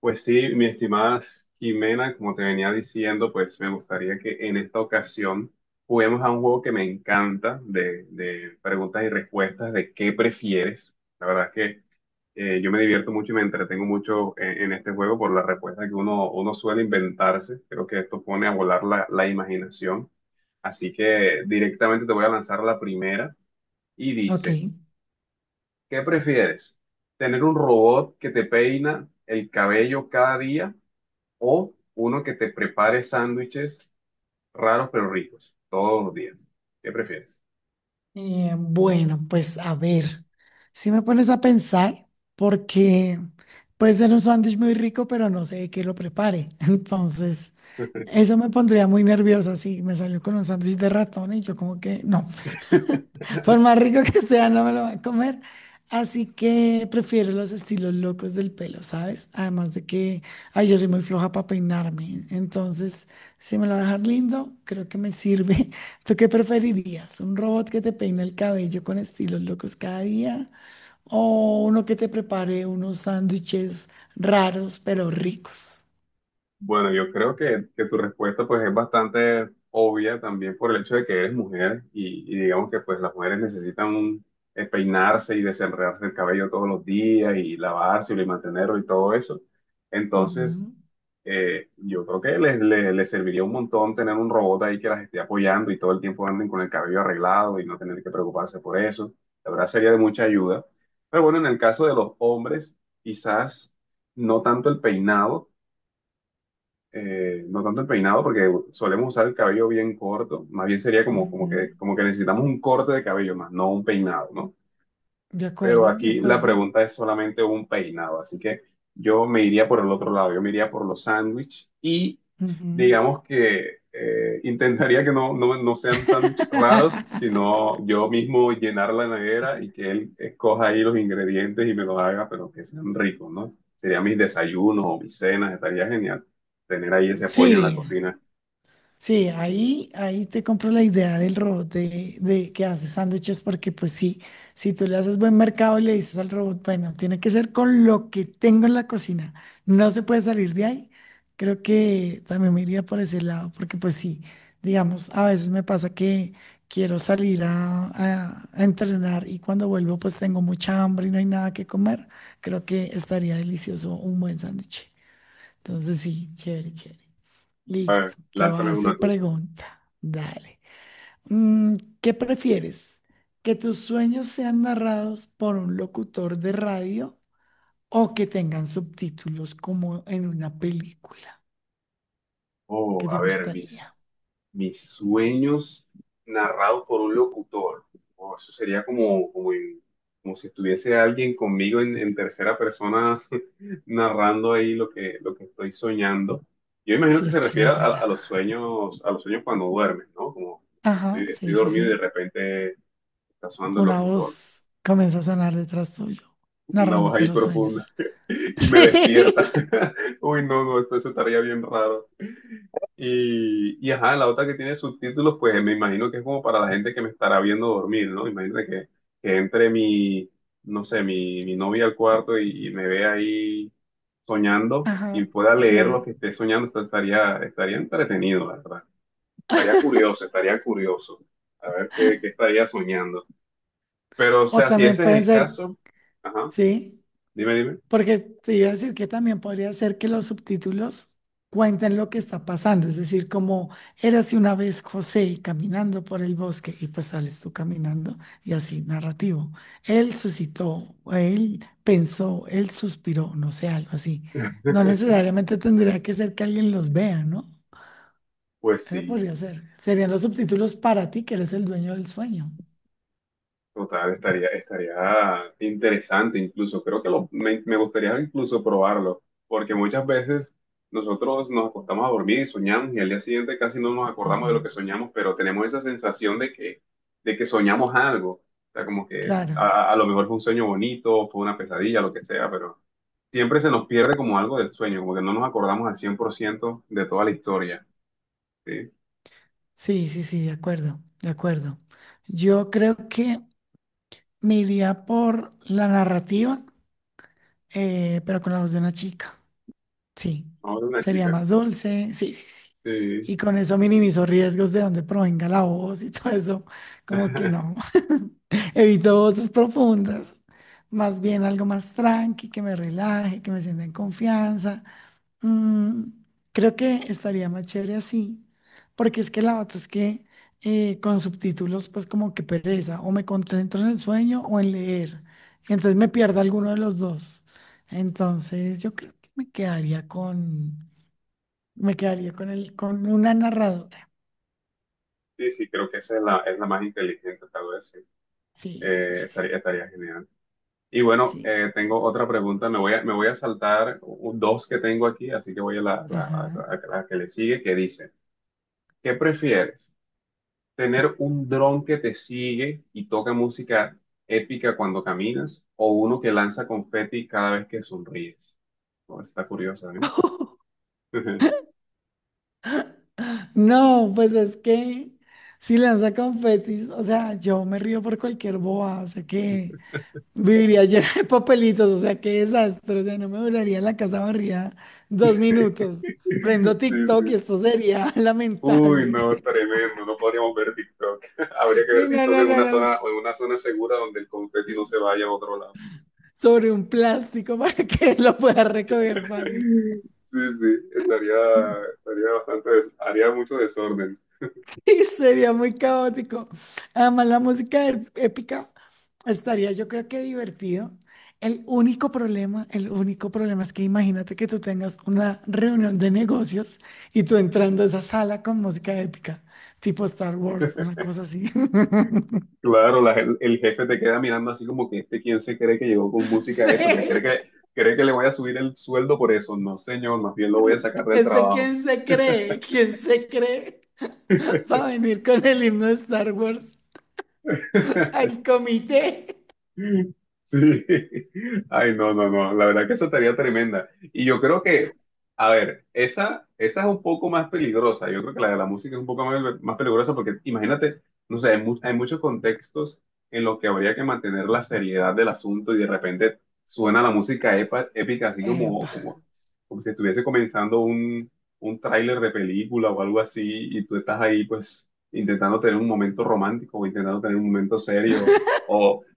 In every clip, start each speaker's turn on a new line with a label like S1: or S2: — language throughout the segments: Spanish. S1: Pues sí, mi estimada Jimena, como te venía diciendo, pues me gustaría que en esta ocasión juguemos a un juego que me encanta de preguntas y respuestas de qué prefieres. La verdad es que yo me divierto mucho y me entretengo mucho en este juego por las respuestas que uno suele inventarse. Creo que esto pone a volar la imaginación. Así que directamente te voy a lanzar la primera y
S2: Ok,
S1: dice, ¿qué prefieres? ¿Tener un robot que te peina el cabello cada día, o uno que te prepare sándwiches raros pero ricos todos los días? ¿Qué prefieres?
S2: bueno, pues a ver, si me pones a pensar, porque puede ser un sándwich muy rico, pero no sé de qué lo prepare. Entonces, eso me pondría muy nerviosa si me salió con un sándwich de ratón y yo como que no, por más rico que sea, no me lo voy a comer. Así que prefiero los estilos locos del pelo, ¿sabes? Además de que, ay, yo soy muy floja para peinarme. Entonces, si me lo va a dejar lindo, creo que me sirve. ¿Tú qué preferirías? ¿Un robot que te peine el cabello con estilos locos cada día? ¿O uno que te prepare unos sándwiches raros pero ricos?
S1: Bueno, yo creo que tu respuesta pues es bastante obvia también por el hecho de que eres mujer y digamos que pues las mujeres necesitan peinarse y desenredarse el cabello todos los días y lavárselo y mantenerlo y todo eso. Entonces,
S2: Ujú,
S1: yo creo que les serviría un montón tener un robot ahí que las esté apoyando y todo el tiempo anden con el cabello arreglado y no tener que preocuparse por eso. La verdad sería de mucha ayuda. Pero bueno, en el caso de los hombres, quizás no tanto el peinado, no tanto el peinado porque solemos usar el cabello bien corto. Más bien sería como, como
S2: ujú.
S1: que, como que necesitamos un corte de cabello más, no un peinado, ¿no?
S2: De
S1: Pero
S2: acuerdo, de
S1: aquí la
S2: acuerdo.
S1: pregunta es solamente un peinado, así que yo me iría por el otro lado, yo me iría por los sándwiches y
S2: Ujú.
S1: digamos que intentaría que no sean sándwiches raros, sino yo mismo llenar la nevera y que él escoja ahí los ingredientes y me los haga, pero que sean ricos, ¿no? Serían mis desayunos o mis cenas, estaría genial tener ahí ese apoyo en la
S2: Sí,
S1: cocina.
S2: sí, ahí te compro la idea del robot de que hace sándwiches, porque pues sí, si tú le haces buen mercado y le dices al robot, bueno, tiene que ser con lo que tengo en la cocina, no se puede salir de ahí, creo que también me iría por ese lado, porque pues sí, digamos, a veces me pasa que quiero salir a, a entrenar y cuando vuelvo pues tengo mucha hambre y no hay nada que comer, creo que estaría delicioso un buen sándwich. Entonces sí, chévere, chévere. Listo, te voy a
S1: Lánzame una
S2: hacer
S1: tú.
S2: pregunta. Dale. Mm, ¿qué prefieres? ¿Que tus sueños sean narrados por un locutor de radio o que tengan subtítulos como en una película?
S1: Oh,
S2: ¿Qué te
S1: a ver,
S2: gustaría?
S1: mis sueños narrados por un locutor. Oh, eso sería como si estuviese alguien conmigo en tercera persona narrando ahí lo que estoy soñando. Yo imagino
S2: Sí,
S1: que se
S2: estaría
S1: refiere a,
S2: rara.
S1: a los sueños, a los sueños, cuando duermes, ¿no? Como
S2: Ajá,
S1: estoy
S2: sí, sí,
S1: dormido y de
S2: sí.
S1: repente está sonando el
S2: Una
S1: locutor,
S2: voz comienza a sonar detrás tuyo,
S1: una voz
S2: narrándote
S1: ahí
S2: los sueños.
S1: profunda y me
S2: Sí.
S1: despierta. Uy, no, no, eso estaría bien raro. Y ajá, la otra que tiene subtítulos, pues me imagino que es como para la gente que me estará viendo dormir, ¿no? Imagínate que entre mi, no sé, mi novia al cuarto y me ve ahí soñando y
S2: Ajá,
S1: pueda leer lo que
S2: sí.
S1: esté soñando, esto estaría entretenido, la verdad. Estaría curioso, estaría curioso. A ver qué estaría soñando. Pero, o
S2: O
S1: sea, si
S2: también
S1: ese es
S2: pueden
S1: el
S2: ser,
S1: caso, ajá,
S2: sí.
S1: dime, dime.
S2: Porque te iba a decir que también podría ser que los subtítulos cuenten lo que está pasando, es decir, como érase una vez José caminando por el bosque y pues sales tú caminando y así narrativo. Él suscitó, él pensó, él suspiró, no sé, algo así. No necesariamente tendría que ser que alguien los vea, ¿no?
S1: Pues
S2: Eso
S1: sí.
S2: podría ser. Serían los subtítulos para ti que eres el dueño del sueño.
S1: Total, estaría interesante incluso. Creo que me gustaría incluso probarlo, porque muchas veces nosotros nos acostamos a dormir y soñamos y al día siguiente casi no nos acordamos de lo
S2: Ujú.
S1: que soñamos, pero tenemos esa sensación de que, soñamos algo. O sea, como que
S2: Claro,
S1: a lo mejor fue un sueño bonito, fue una pesadilla, lo que sea, pero siempre se nos pierde como algo del sueño, como que no nos acordamos al 100% de toda la historia. Sí,
S2: sí, sí, sí, de acuerdo, de acuerdo. Yo creo que me iría por la narrativa, pero con la voz de una chica. Sí,
S1: vamos de una
S2: sería
S1: chica.
S2: más dulce. Sí, sí, sí.
S1: Sí,
S2: Y con eso minimizo riesgos de donde provenga la voz y todo eso. Como que no. Evito voces profundas. Más bien algo más tranqui, que me relaje, que me sienta en confianza. Mm, creo que estaría más chévere así, porque es que la otra es que con subtítulos, pues como que pereza, o me concentro en el sueño o en leer, y entonces me pierdo alguno de los dos. Entonces yo creo que me quedaría con el, con una narradora.
S1: sí, sí, creo que esa es la más inteligente, tal vez. Sí.
S2: Sí, sí, sí,
S1: Estaría, genial. Y bueno,
S2: sí.
S1: tengo otra pregunta. Me voy a saltar dos que tengo aquí, así que voy a la, la- a-
S2: Ajá.
S1: a- la que le sigue, que dice, ¿qué prefieres? ¿Tener un dron que te sigue y toca música épica cuando caminas, o uno que lanza confeti cada vez que sonríes? Oh, está curiosa, ¿eh?
S2: No, pues es que si lanza confetis, o sea, yo me río por cualquier boba, o sea que. Viviría llena de papelitos, o sea, qué desastre. O sea, no me duraría la casa barrida dos minutos. Prendo
S1: Sí,
S2: TikTok y
S1: sí.
S2: esto sería
S1: Uy,
S2: lamentable.
S1: no, tremendo. No podríamos ver TikTok. Habría que ver
S2: Sí, no,
S1: TikTok
S2: no,
S1: en
S2: no,
S1: una
S2: no, no.
S1: zona, en una zona segura donde el confeti no se vaya a otro lado.
S2: Sobre un plástico para que lo pueda recoger fácil.
S1: Sí, sí, estaría, haría mucho desorden.
S2: Y sería muy caótico. Además, la música es épica, estaría, yo creo que divertido. El único problema es que imagínate que tú tengas una reunión de negocios y tú entrando a esa sala con música épica, tipo Star Wars, una cosa así.
S1: Claro, el jefe te queda mirando así como que este quién se cree que llegó con que cree que,
S2: Sí,
S1: cree que le voy a subir el sueldo por eso. No, señor, más bien lo voy a sacar del
S2: es de
S1: trabajo.
S2: quién se cree para venir con el himno de Star Wars al comité.
S1: Sí. Ay, no, no, no. La verdad que esa tarea tremenda. Y yo creo que, a ver, esa es un poco más peligrosa. Yo creo que la de la música es un poco más, más peligrosa porque imagínate, no sé, hay muchos contextos en los que habría que mantener la seriedad del asunto y de repente suena la música épica así como,
S2: Epa,
S1: como si estuviese comenzando un tráiler de película o algo así y tú estás ahí pues intentando tener un momento romántico o intentando tener un momento serio.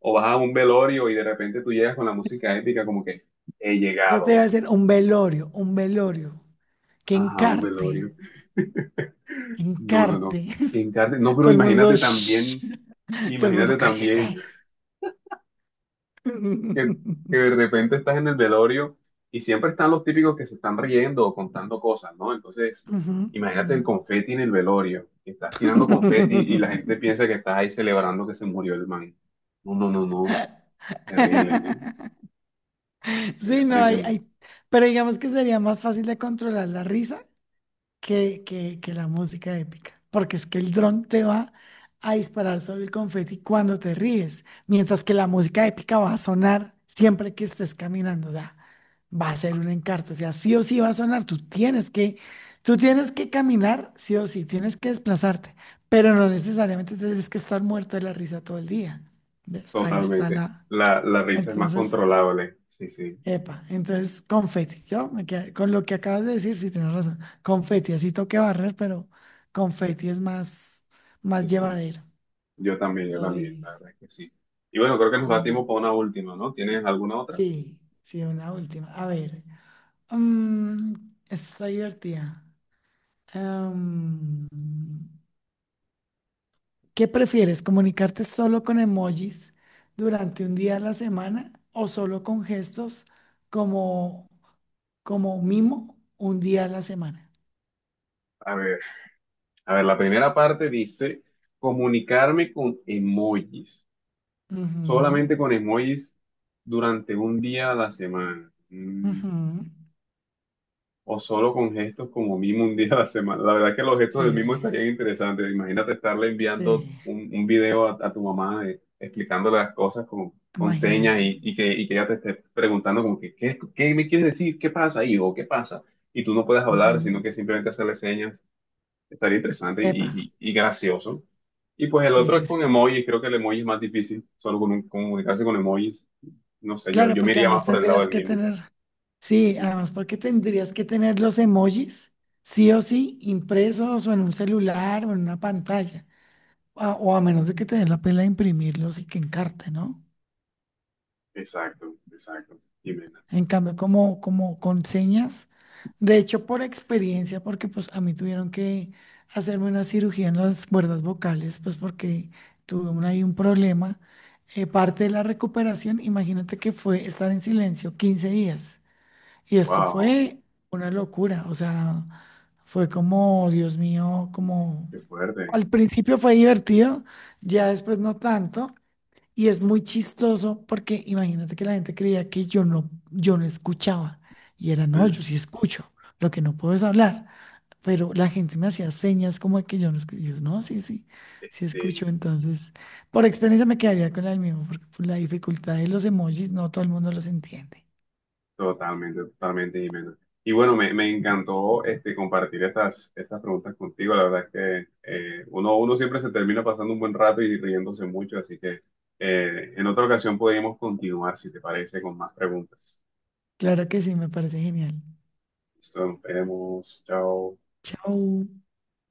S1: O vas a un velorio y de repente tú llegas con la música épica como que he
S2: yo te voy a
S1: llegado.
S2: hacer un velorio, un velorio. Que
S1: Ajá, un
S2: encarte,
S1: velorio.
S2: que
S1: No, no, no.
S2: encarte.
S1: No, pero
S2: Todo el mundo,
S1: imagínate
S2: "Shh",
S1: también,
S2: todo el
S1: imagínate
S2: mundo,
S1: también
S2: cállese.
S1: que, que
S2: Ujú,
S1: de repente estás en el velorio y siempre están los típicos que se están riendo o contando cosas, ¿no? Entonces,
S2: ujú.
S1: imagínate el confeti en el velorio, que estás tirando confeti y la gente piensa que estás ahí celebrando que se murió el man. No, no, no, no. Terrible, ¿eh? Sería
S2: Sí, no, hay,
S1: tremendo.
S2: pero digamos que sería más fácil de controlar la risa que la música épica, porque es que el dron te va a disparar sobre el confeti cuando te ríes, mientras que la música épica va a sonar siempre que estés caminando, o sea, va a ser un encarto, o sea, sí o sí va a sonar, tú tienes que caminar, sí o sí, tienes que desplazarte, pero no necesariamente tienes que estar muerto de la risa todo el día, ¿ves? Ahí está
S1: Totalmente.
S2: la...
S1: La risa es más
S2: Entonces,
S1: controlable. Sí, sí.
S2: epa, entonces confeti, con lo que acabas de decir, sí tienes razón, confeti, así toque barrer, pero confeti es más, más
S1: Sí, sí.
S2: llevadero.
S1: Yo
S2: ¿Lo
S1: también,
S2: le-
S1: la verdad es que sí. Y bueno, creo que nos da
S2: y-
S1: tiempo para una última, ¿no? ¿Tienes alguna otra?
S2: sí, sí, una última. A ver, mm, esta está divertida. Em, ¿Qué prefieres, comunicarte solo con emojis durante un día a la semana o solo con gestos como, como mimo un día a la semana?
S1: A ver, a ver, la primera parte dice comunicarme con emojis,
S2: Ujú.
S1: solamente con emojis durante un día a la semana. Mm,
S2: Ujú,
S1: o solo con gestos como mimo un día a la semana. La verdad es que los gestos del mimo
S2: sí,
S1: estarían interesantes. Imagínate estarle enviando
S2: sí,
S1: un video a tu mamá de- explicándole las cosas con señas
S2: imagínate.
S1: y que ella te esté preguntando como que, ¿qué me quieres decir? ¿Qué pasa, hijo? ¿Qué pasa? Y tú no puedes hablar, sino
S2: Ujú,
S1: que simplemente hacerle señas. Estaría interesante
S2: epa,
S1: y gracioso. Y pues el
S2: sí,
S1: otro es
S2: sí, sí.
S1: con emojis. Creo que el emoji es más difícil, solo comunicarse con emojis. No sé, yo,
S2: Claro,
S1: yo me
S2: porque
S1: iría más
S2: además
S1: por el lado
S2: tendrías
S1: del
S2: que
S1: mimo.
S2: tener, sí,
S1: Mm.
S2: además porque tendrías que tener los emojis, sí o sí, impresos o en un celular o en una pantalla, o a menos de que te den la pela de imprimirlos y que encarte, ¿no?
S1: Exacto, exacto. Dime.
S2: En cambio, como con señas, de hecho por experiencia, porque pues a mí tuvieron que hacerme una cirugía en las cuerdas vocales, pues porque tuve un, ahí un problema. Parte de la recuperación, imagínate que fue estar en silencio 15 días. Y esto
S1: Wow,
S2: fue una locura, o sea, fue como, Dios mío, como...
S1: qué fuerte.
S2: Al principio fue divertido, ya después no tanto, y es muy chistoso porque imagínate que la gente creía que yo no escuchaba. Y era, no, yo sí escucho, lo que no puedo es hablar. Pero la gente me hacía señas como de que yo no escucho. Yo, no, sí, sí, sí escucho.
S1: Este,
S2: Entonces, por experiencia me quedaría con la del mismo, porque por la dificultad de los emojis no todo el mundo los entiende.
S1: Totalmente, totalmente, Jimena. Y bueno, me encantó compartir estas preguntas contigo. La verdad es que uno siempre se termina pasando un buen rato y riéndose mucho, así que en otra ocasión podríamos continuar, si te parece, con más preguntas.
S2: Claro que sí, me parece genial.
S1: Listo, nos vemos. Chao.
S2: Chao.